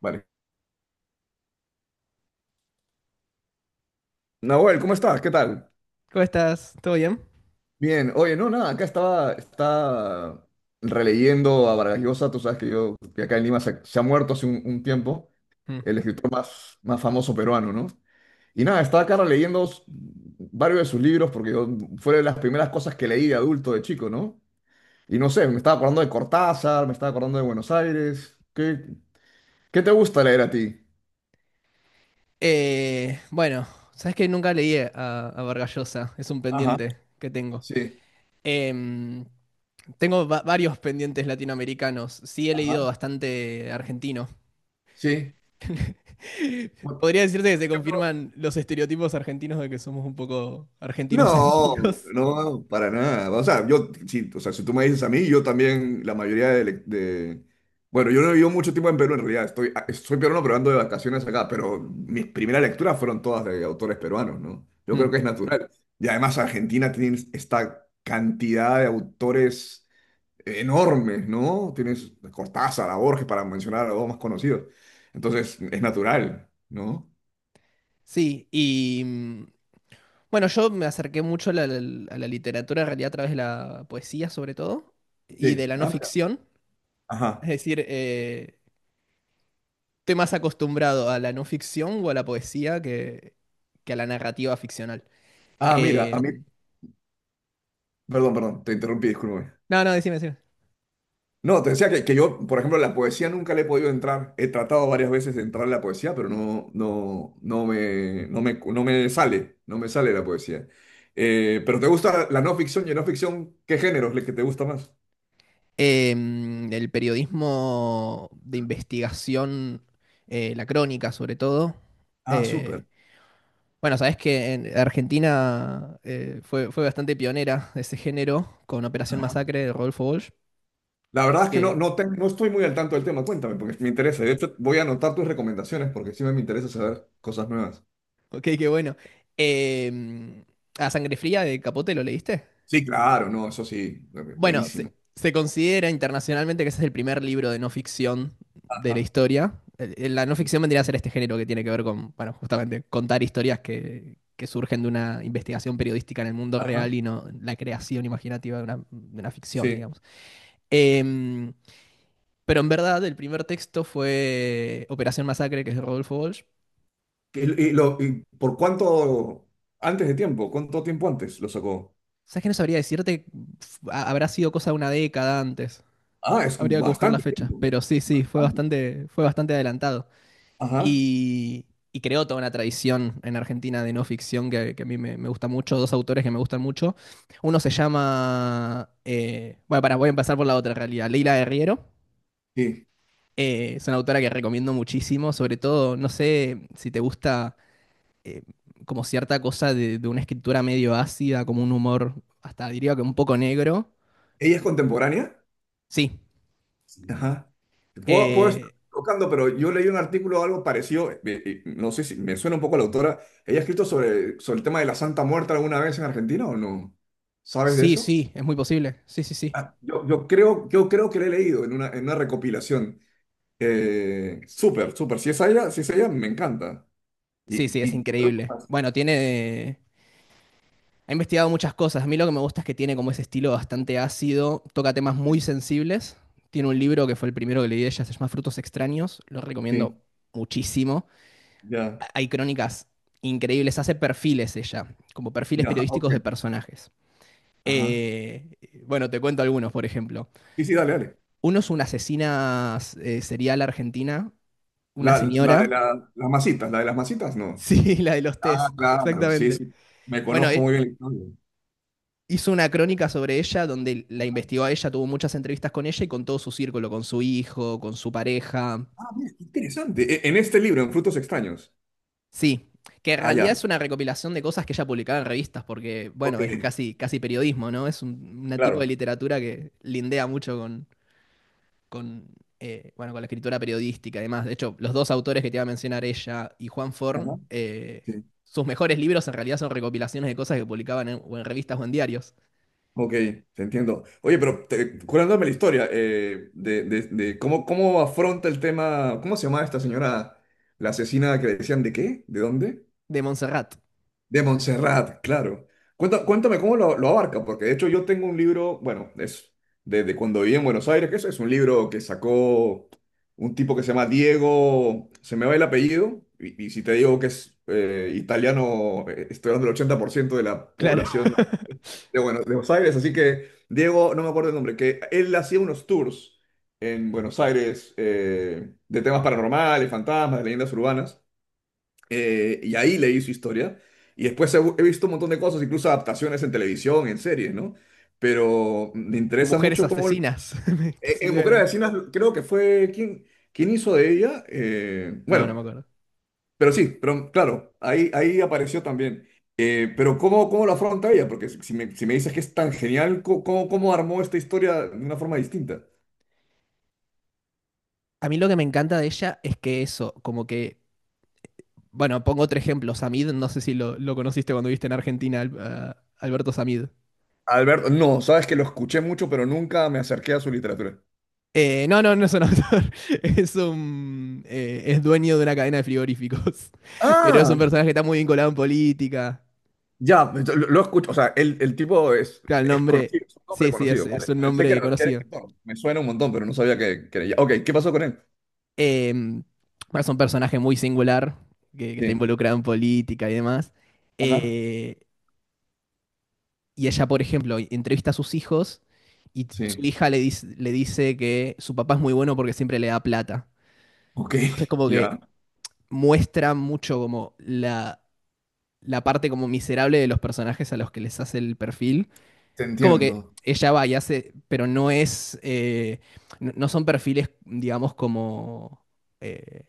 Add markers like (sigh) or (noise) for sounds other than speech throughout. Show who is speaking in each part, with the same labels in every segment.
Speaker 1: Vale. Nahuel, ¿cómo estás? ¿Qué tal?
Speaker 2: ¿Cómo estás? ¿Todo bien?
Speaker 1: Bien. Oye, no, nada, acá estaba releyendo a Vargas Llosa. Tú sabes que yo, que acá en Lima se ha muerto hace un tiempo,
Speaker 2: Mm.
Speaker 1: el escritor más famoso peruano, ¿no? Y nada, estaba acá releyendo varios de sus libros porque fue de las primeras cosas que leí de adulto, de chico, ¿no? Y no sé, me estaba acordando de Cortázar, me estaba acordando de Buenos Aires. ¿Qué, qué te gusta leer a ti?
Speaker 2: Eh, bueno, sabes que nunca leí a Vargallosa, es un
Speaker 1: Ajá.
Speaker 2: pendiente que tengo.
Speaker 1: Sí,
Speaker 2: Em, tengo varios pendientes latinoamericanos, sí he leído
Speaker 1: ajá.
Speaker 2: bastante argentino.
Speaker 1: Sí.
Speaker 2: (laughs)
Speaker 1: Por
Speaker 2: Podría decirte que se
Speaker 1: ejemplo,
Speaker 2: confirman los estereotipos argentinos de que somos un poco
Speaker 1: no,
Speaker 2: argentinocéntricos.
Speaker 1: no, para nada. O sea, yo, sí, o sea, si tú me dices a mí, yo también, la mayoría bueno, yo no vivo mucho tiempo en Perú, en realidad. Estoy, ah, soy peruano, pero ando de vacaciones acá. Pero mis primeras lecturas fueron todas de autores peruanos, ¿no? Yo creo
Speaker 2: Mm.
Speaker 1: que es natural. Y además, Argentina tiene esta cantidad de autores enormes, ¿no? Tienes Cortázar, a Borges, para mencionar a los dos más conocidos. Entonces, es natural, ¿no?
Speaker 2: Sí, bueno, yo me acerqué mucho a la literatura en realidad a través de la poesía sobre todo y de
Speaker 1: Sí.
Speaker 2: la no
Speaker 1: Ah, mira.
Speaker 2: ficción. Es
Speaker 1: Ajá.
Speaker 2: decir, estoy más acostumbrado a la no ficción o a la poesía que a la narrativa ficcional.
Speaker 1: Ah, mira, a mí.
Speaker 2: Eh,
Speaker 1: Perdón, perdón, te interrumpí, discúlpame.
Speaker 2: no, no, decime, decime.
Speaker 1: No, te decía que yo, por ejemplo, la poesía nunca le he podido entrar. He tratado varias veces de entrar a la poesía, pero no, no, no me, no me, no me sale, no me sale la poesía. Pero ¿te gusta la no ficción y no ficción? ¿Qué género es el que te gusta más?
Speaker 2: Eh, el periodismo de investigación, la crónica sobre todo.
Speaker 1: Ah,
Speaker 2: Eh,
Speaker 1: súper.
Speaker 2: bueno, sabes que en Argentina fue bastante pionera de ese género con Operación
Speaker 1: Ajá.
Speaker 2: Masacre de Rodolfo Walsh.
Speaker 1: La verdad es que no,
Speaker 2: Que,
Speaker 1: no, no estoy muy al tanto del tema. Cuéntame, porque me interesa. De hecho, voy a anotar tus recomendaciones porque sí me interesa saber cosas nuevas.
Speaker 2: ok, qué bueno. Eh, a Sangre Fría de Capote, ¿lo leíste?
Speaker 1: Sí, claro, no, eso sí,
Speaker 2: Bueno,
Speaker 1: buenísimo.
Speaker 2: se considera internacionalmente que ese es el primer libro de no ficción de la
Speaker 1: Ajá.
Speaker 2: historia. La no ficción vendría a ser este género que tiene que ver con, bueno, justamente contar historias que surgen de una investigación periodística en el mundo
Speaker 1: Ajá.
Speaker 2: real y no la creación imaginativa de una ficción,
Speaker 1: Sí.
Speaker 2: digamos. Em, pero en verdad, el primer texto fue Operación Masacre, que es de Rodolfo Walsh.
Speaker 1: Y lo, y por cuánto antes de tiempo? ¿Cuánto tiempo antes lo sacó?
Speaker 2: ¿Sabes que no sabría decirte? Habrá sido cosa de una década antes.
Speaker 1: Ah, es
Speaker 2: Habría que buscar la
Speaker 1: bastante
Speaker 2: fecha.
Speaker 1: tiempo.
Speaker 2: Pero sí, sí,
Speaker 1: Bastante.
Speaker 2: fue bastante adelantado.
Speaker 1: Ajá,
Speaker 2: Y, y creó toda una tradición en Argentina de no ficción que a mí me gusta mucho, dos autores que me gustan mucho. Uno se llama, bueno, para, voy a empezar por la otra en realidad, Leila Guerriero.
Speaker 1: sí.
Speaker 2: Es una autora que recomiendo muchísimo, sobre todo, no sé si te gusta eh, como cierta cosa de una escritura medio ácida, como un humor, hasta diría que un poco negro.
Speaker 1: ¿Ella es contemporánea?
Speaker 2: Sí,
Speaker 1: Sí. Ajá. Puedo, puedo estar
Speaker 2: eh,
Speaker 1: tocando, pero yo leí un artículo o algo parecido, no sé si me suena un poco a la autora. ¿Ella ha escrito sobre, sobre el tema de la Santa Muerte alguna vez en Argentina o no? ¿Sabes de
Speaker 2: sí,
Speaker 1: eso?
Speaker 2: sí, es muy posible. Sí, sí, sí.
Speaker 1: Ah, yo, yo creo que la he leído en una recopilación. Súper, súper. Si es ella, si es ella, me encanta.
Speaker 2: Sí,
Speaker 1: Y,
Speaker 2: sí, es
Speaker 1: y,
Speaker 2: increíble. Bueno, tiene… Ha investigado muchas cosas. A mí lo que me gusta es que tiene como ese estilo bastante ácido, toca temas
Speaker 1: y-
Speaker 2: muy sensibles. Tiene un libro que fue el primero que leí de ella, se llama Frutos Extraños. Lo
Speaker 1: Sí,
Speaker 2: recomiendo muchísimo.
Speaker 1: ya,
Speaker 2: Hay crónicas increíbles, hace perfiles ella, como perfiles
Speaker 1: ya, ok.
Speaker 2: periodísticos de personajes.
Speaker 1: Ajá.
Speaker 2: Eh, bueno, te cuento algunos, por ejemplo.
Speaker 1: Sí, sí, dale, dale.
Speaker 2: Uno es una asesina serial argentina, una
Speaker 1: La,
Speaker 2: señora. (laughs)
Speaker 1: las masitas, la de las masitas, no.
Speaker 2: Sí, la de los
Speaker 1: Ah,
Speaker 2: test,
Speaker 1: claro, sí,
Speaker 2: exactamente.
Speaker 1: sí. Me
Speaker 2: Bueno,
Speaker 1: conozco muy bien la historia.
Speaker 2: hizo una crónica sobre ella donde la investigó a ella, tuvo muchas entrevistas con ella y con todo su círculo, con su hijo, con su pareja.
Speaker 1: Ah, mira, qué interesante. E- En este libro, en Frutos Extraños.
Speaker 2: Sí, que en
Speaker 1: Ah, ya.
Speaker 2: realidad es una recopilación de cosas que ella publicaba en revistas, porque,
Speaker 1: Ok,
Speaker 2: bueno, es casi, casi periodismo, ¿no? Es un una tipo de
Speaker 1: claro.
Speaker 2: literatura que lindea mucho con, bueno, con la escritura periodística y demás. De hecho, los dos autores que te iba a mencionar, ella y Juan Forn,
Speaker 1: Ajá. Sí.
Speaker 2: sus mejores libros en realidad son recopilaciones de cosas que publicaban en, o en revistas o en diarios
Speaker 1: Ok, te entiendo. Oye, pero te, curándome la historia de, de cómo, cómo afronta el tema, ¿cómo se llamaba esta señora? La asesina que le decían de qué, de dónde.
Speaker 2: de Montserrat.
Speaker 1: De Montserrat, claro. Cuéntame, cómo lo abarca, porque de hecho yo tengo un libro, bueno, es desde cuando viví en Buenos Aires, que eso es un libro que sacó un tipo que se llama Diego, se me va el apellido, y si te digo que es italiano, estoy hablando del 80% de la
Speaker 2: Claro.
Speaker 1: población
Speaker 2: (laughs)
Speaker 1: de, Buenos Aires, así que Diego, no me acuerdo el nombre, que él hacía unos tours en Buenos Aires de temas paranormales, fantasmas, de leyendas urbanas. Y ahí leí su historia. Y después he, he visto un montón de cosas, incluso adaptaciones en televisión, en series, ¿no? Pero me interesa
Speaker 2: Mujeres
Speaker 1: mucho cómo... En
Speaker 2: asesinas. (laughs) Que se
Speaker 1: en Mujer Asesina creo que fue... ¿Quién, quién hizo de ella?
Speaker 2: No, no
Speaker 1: Bueno,
Speaker 2: me acuerdo.
Speaker 1: pero sí, pero claro, ahí, ahí apareció también. Pero ¿cómo, cómo lo afronta ella? Porque si si me dices que es tan genial, ¿cómo, cómo armó esta historia de una forma distinta?
Speaker 2: A mí lo que me encanta de ella es que eso, como que. Bueno, pongo otro ejemplo. Samid, no sé si lo conociste cuando viste en Argentina Alberto Samid.
Speaker 1: Alberto, no, sabes que lo escuché mucho, pero nunca me acerqué a su literatura.
Speaker 2: No, no, no es un actor. (laughs) Es un. Es dueño de una cadena de frigoríficos. (laughs) Pero es un
Speaker 1: Ah,
Speaker 2: personaje que está muy vinculado en política.
Speaker 1: ya, lo escucho, o sea, el tipo
Speaker 2: Claro, el
Speaker 1: es
Speaker 2: nombre.
Speaker 1: conocido, es un hombre
Speaker 2: Sí, sí,
Speaker 1: conocido. Claro.
Speaker 2: es un
Speaker 1: Pensé
Speaker 2: nombre
Speaker 1: que era
Speaker 2: conocido.
Speaker 1: escritor, me suena un montón, pero no sabía que era ella. Ok, ¿qué pasó con él?
Speaker 2: Em, bueno, es un personaje muy singular que está
Speaker 1: Sí,
Speaker 2: involucrado en política y demás.
Speaker 1: ajá,
Speaker 2: Eh, Y ella, por ejemplo, entrevista a sus hijos y su
Speaker 1: sí.
Speaker 2: hija le dice que su papá es muy bueno porque siempre le da plata.
Speaker 1: Ok,
Speaker 2: Entonces
Speaker 1: (laughs)
Speaker 2: como
Speaker 1: ya,
Speaker 2: que muestra mucho como la parte como miserable de los personajes a los que les hace el perfil.
Speaker 1: te
Speaker 2: Es como que
Speaker 1: entiendo.
Speaker 2: ella va y hace, pero no es, no no son perfiles, digamos, eh,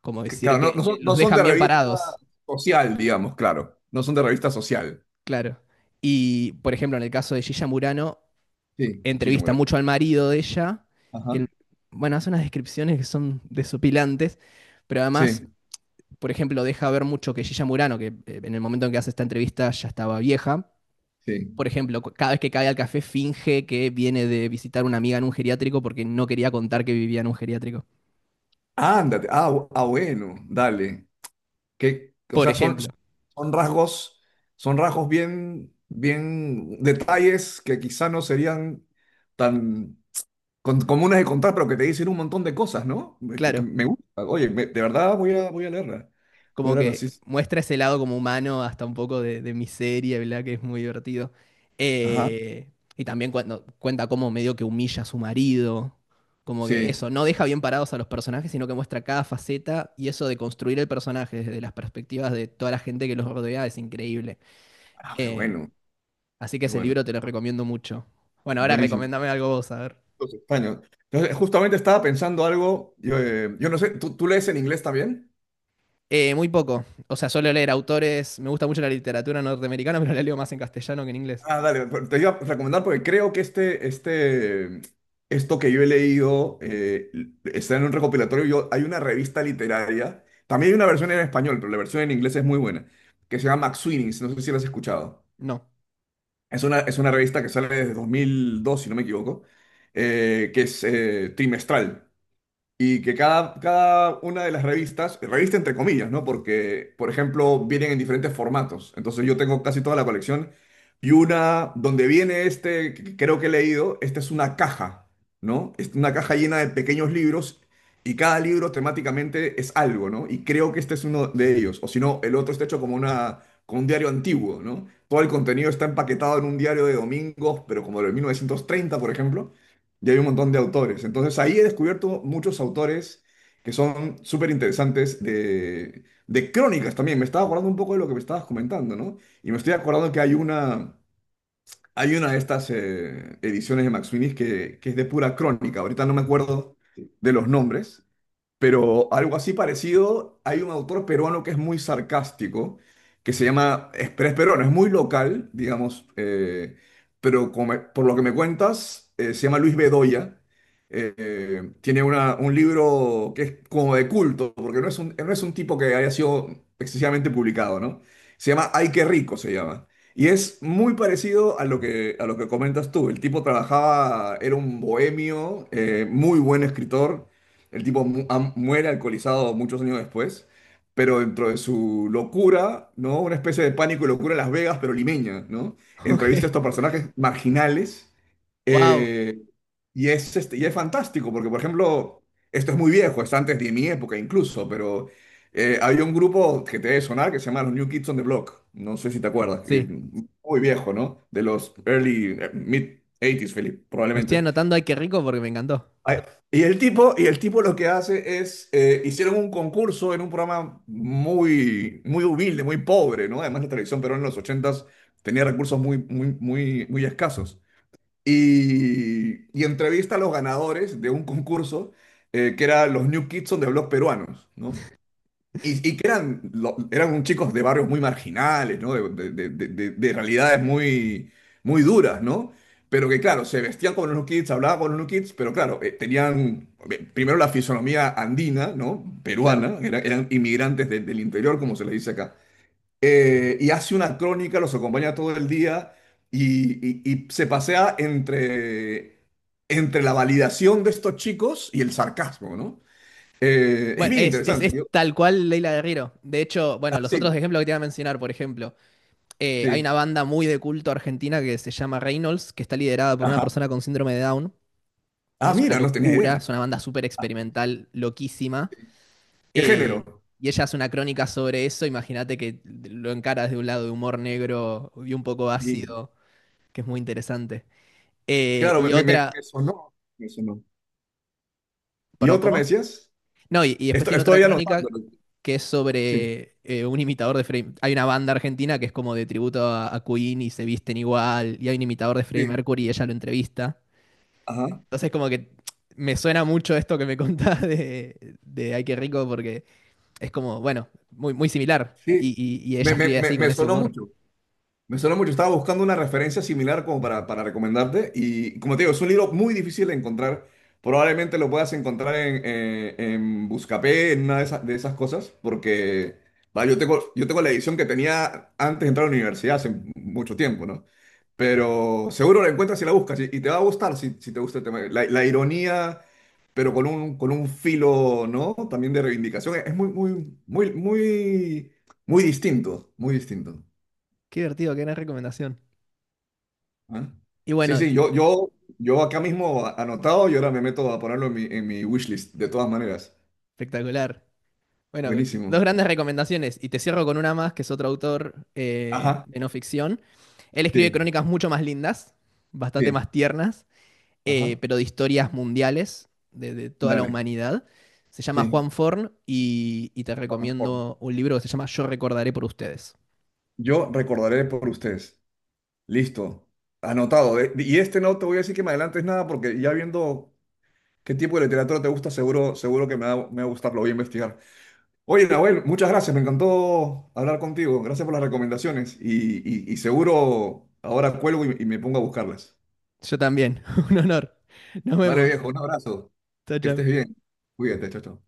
Speaker 2: como
Speaker 1: Que,
Speaker 2: decir
Speaker 1: claro, no, no
Speaker 2: que
Speaker 1: son,
Speaker 2: los
Speaker 1: no son
Speaker 2: dejan
Speaker 1: de
Speaker 2: bien
Speaker 1: revista
Speaker 2: parados,
Speaker 1: social, digamos, claro. No son de revista social.
Speaker 2: claro. Y, por ejemplo, en el caso de Gilla Murano,
Speaker 1: Sí,
Speaker 2: entrevista
Speaker 1: Chichimura.
Speaker 2: mucho al marido de ella,
Speaker 1: Ajá,
Speaker 2: que, bueno, hace unas descripciones que son desopilantes, pero además,
Speaker 1: sí,
Speaker 2: por ejemplo, deja ver mucho que Gilla Murano, que en el momento en que hace esta entrevista ya estaba vieja,
Speaker 1: sí.
Speaker 2: por ejemplo, cada vez que cae al café finge que viene de visitar una amiga en un geriátrico porque no quería contar que vivía en un geriátrico.
Speaker 1: Ándate, ah, ah, bueno, dale. Que, o
Speaker 2: Por
Speaker 1: sea, son,
Speaker 2: ejemplo,
Speaker 1: son rasgos bien, bien detalles que quizá no serían tan comunes de contar, pero que te dicen un montón de cosas, ¿no? Me, porque
Speaker 2: claro.
Speaker 1: me gusta. Oye, de verdad voy a, voy a leerla. Voy a
Speaker 2: Como
Speaker 1: leerla, sí.
Speaker 2: que
Speaker 1: Sí.
Speaker 2: muestra ese lado como humano, hasta un poco de miseria, ¿verdad? Que es muy divertido.
Speaker 1: Ajá,
Speaker 2: Eh, y también cuando cuenta cómo medio que humilla a su marido, como que
Speaker 1: sí.
Speaker 2: eso, no deja bien parados a los personajes, sino que muestra cada faceta y eso de construir el personaje desde las perspectivas de toda la gente que los rodea es increíble.
Speaker 1: Ah, qué
Speaker 2: Eh,
Speaker 1: bueno,
Speaker 2: Así que
Speaker 1: qué
Speaker 2: ese
Speaker 1: bueno.
Speaker 2: libro te lo recomiendo mucho. Bueno, ahora
Speaker 1: Buenísimo.
Speaker 2: recomiéndame algo vos, a ver.
Speaker 1: Los españoles. Entonces, justamente estaba pensando algo, yo, yo no sé, ¿tú, tú lees en inglés también?
Speaker 2: Muy poco. O sea, suelo leer autores. Me gusta mucho la literatura norteamericana, (laughs) pero la leo más en castellano que en inglés.
Speaker 1: Ah, dale, pero te iba a recomendar porque creo que este, esto que yo he leído está en un recopilatorio. Yo, hay una revista literaria, también hay una versión en español, pero la versión en inglés es muy buena, que se llama McSweeney's, no sé si la has escuchado.
Speaker 2: No.
Speaker 1: Es una revista que sale desde 2002, si no me equivoco, que es trimestral. Y que cada, cada una de las revistas, revista entre comillas, ¿no? Porque, por ejemplo, vienen en diferentes formatos. Entonces yo tengo casi toda la colección. Y una donde viene este, que creo que he leído, esta es una caja, ¿no? Es una caja llena de pequeños libros y cada libro temáticamente es algo, ¿no? Y creo que este es uno de ellos. O si no, el otro está hecho como una, como un diario antiguo, ¿no? Todo el contenido está empaquetado en un diario de domingos, pero como de 1930, por ejemplo y hay un montón de autores. Entonces ahí he descubierto muchos autores que son súper interesantes de crónicas también. Me estaba acordando un poco de lo que me estabas comentando, ¿no? Y me estoy acordando que hay una de estas ediciones de Max Finis que es de pura crónica. Ahorita no me acuerdo de los nombres, pero algo así parecido, hay un autor peruano que es muy sarcástico, que se llama, es, pero es peruano, es muy local, digamos, pero por lo que me cuentas, se llama Luis Bedoya. Tiene un libro que es como de culto, porque no es un, no es un tipo que haya sido excesivamente publicado, ¿no? Se llama Ay, qué rico, se llama. Y es muy parecido a lo que comentas tú. El tipo trabajaba, era un bohemio, muy buen escritor el tipo muere alcoholizado muchos años después, pero dentro de su locura, ¿no? Una especie de pánico y locura en Las Vegas, pero limeña, ¿no?
Speaker 2: (laughs)
Speaker 1: Entrevista a estos
Speaker 2: Ok.
Speaker 1: personajes marginales.
Speaker 2: Wow.
Speaker 1: eh, y es, este, y es fantástico, porque, por ejemplo, esto es muy viejo, es antes de mi época incluso, pero había un grupo que te debe sonar que se llama los New Kids on the Block. No sé si te acuerdas.
Speaker 2: Sí.
Speaker 1: Muy viejo, ¿no? De los early, mid 80s, Philip,
Speaker 2: Me estoy
Speaker 1: probablemente.
Speaker 2: anotando ay qué rico porque me encantó.
Speaker 1: Ay, y el tipo, y el tipo lo que hace es, hicieron un concurso en un programa muy, muy humilde, muy pobre, ¿no? Además la televisión pero en los ochentas tenía recursos muy, muy, muy, muy escasos. Y entrevista a los ganadores de un concurso que era los New Kids on the Block peruanos, ¿no? Y que eran, eran un chicos de barrios muy marginales, ¿no? De, de realidades muy, muy duras, ¿no? Pero que, claro, se vestían como los New Kids, hablaban con los New Kids, pero claro, tenían primero la fisonomía andina, ¿no?
Speaker 2: Claro.
Speaker 1: Peruana, eran inmigrantes del interior, como se les dice acá. Y hace una crónica, los acompaña todo el día y, y se pasea entre, entre la validación de estos chicos y el sarcasmo, ¿no? Es
Speaker 2: Bueno,
Speaker 1: bien interesante.
Speaker 2: es
Speaker 1: Yo-
Speaker 2: tal cual Leila Guerrero. De hecho,
Speaker 1: ah,
Speaker 2: bueno, los otros
Speaker 1: sí,
Speaker 2: ejemplos que te iba a mencionar, por ejemplo, hay una
Speaker 1: sí.
Speaker 2: banda muy de culto argentina que se llama Reynolds, que está liderada por una
Speaker 1: Ajá.
Speaker 2: persona con síndrome de Down. Y
Speaker 1: Ah,
Speaker 2: es una
Speaker 1: mira, no tenía idea.
Speaker 2: locura, es una banda súper
Speaker 1: Ah,
Speaker 2: experimental, loquísima.
Speaker 1: ¿qué
Speaker 2: Eh,
Speaker 1: género?
Speaker 2: y ella hace una crónica sobre eso. Imagínate que lo encaras de un lado de humor negro y un poco
Speaker 1: Sí,
Speaker 2: ácido, que es muy interesante.
Speaker 1: claro, me,
Speaker 2: Y
Speaker 1: me
Speaker 2: otra,
Speaker 1: sonó, me sonó. ¿Y
Speaker 2: perdón,
Speaker 1: otra me
Speaker 2: ¿cómo?
Speaker 1: decías?
Speaker 2: No, y después
Speaker 1: Esto,
Speaker 2: tiene otra
Speaker 1: estoy anotando.
Speaker 2: crónica que es
Speaker 1: Sí,
Speaker 2: sobre un imitador de Freddie. Hay una banda argentina que es como de tributo a Queen y se visten igual. Y hay un imitador de Freddie
Speaker 1: sí,
Speaker 2: Mercury y ella lo entrevista.
Speaker 1: ajá,
Speaker 2: Entonces, como que me suena mucho esto que me (laughs) contás de Ay, qué rico, porque es como, bueno, muy, muy similar. Y,
Speaker 1: sí.
Speaker 2: y ella
Speaker 1: Me,
Speaker 2: escribe
Speaker 1: me,
Speaker 2: así, con
Speaker 1: me
Speaker 2: ese
Speaker 1: sonó
Speaker 2: humor.
Speaker 1: mucho. Me suena mucho. Estaba buscando una referencia similar como para recomendarte. Y como te digo, es un libro muy difícil de encontrar. Probablemente lo puedas encontrar en Buscapé, en una de esas cosas. Porque va, yo tengo la edición que tenía antes de entrar a la universidad hace mucho tiempo, ¿no? Pero seguro la encuentras si la buscas. Y te va a gustar si, si te gusta el tema. La ironía, pero con un filo, ¿no? También de reivindicación. Es muy, muy, muy, muy, muy distinto. Muy distinto.
Speaker 2: Qué divertido, qué gran recomendación.
Speaker 1: Ah.
Speaker 2: Y
Speaker 1: Sí,
Speaker 2: bueno,
Speaker 1: sí, yo acá mismo anotado y ahora me meto a ponerlo en mi wishlist, de todas maneras.
Speaker 2: espectacular. Bueno, dos
Speaker 1: Buenísimo.
Speaker 2: grandes recomendaciones. Y te cierro con una más, que es otro autor
Speaker 1: Ajá,
Speaker 2: de no ficción. Él escribe
Speaker 1: sí,
Speaker 2: crónicas mucho más lindas, bastante
Speaker 1: sí,
Speaker 2: más tiernas,
Speaker 1: ajá.
Speaker 2: pero de historias mundiales, de toda la
Speaker 1: Dale,
Speaker 2: humanidad. Se llama
Speaker 1: sí.
Speaker 2: Juan Forn y te
Speaker 1: por- por-
Speaker 2: recomiendo un libro que se llama Yo recordaré por ustedes.
Speaker 1: Yo recordaré por ustedes. Listo, anotado. De- Y este no te voy a decir que me adelantes nada porque ya viendo qué tipo de literatura te gusta, seguro, seguro que me va a gustar, lo voy a investigar. Oye, Nahuel, muchas gracias, me encantó hablar contigo. Gracias por las recomendaciones y, y seguro ahora cuelgo y me pongo a buscarlas.
Speaker 2: Yo también, (laughs) un honor. Nos
Speaker 1: Vale,
Speaker 2: vemos.
Speaker 1: viejo, un abrazo.
Speaker 2: Chao,
Speaker 1: Que estés
Speaker 2: chao.
Speaker 1: bien. Cuídate, chao, chao.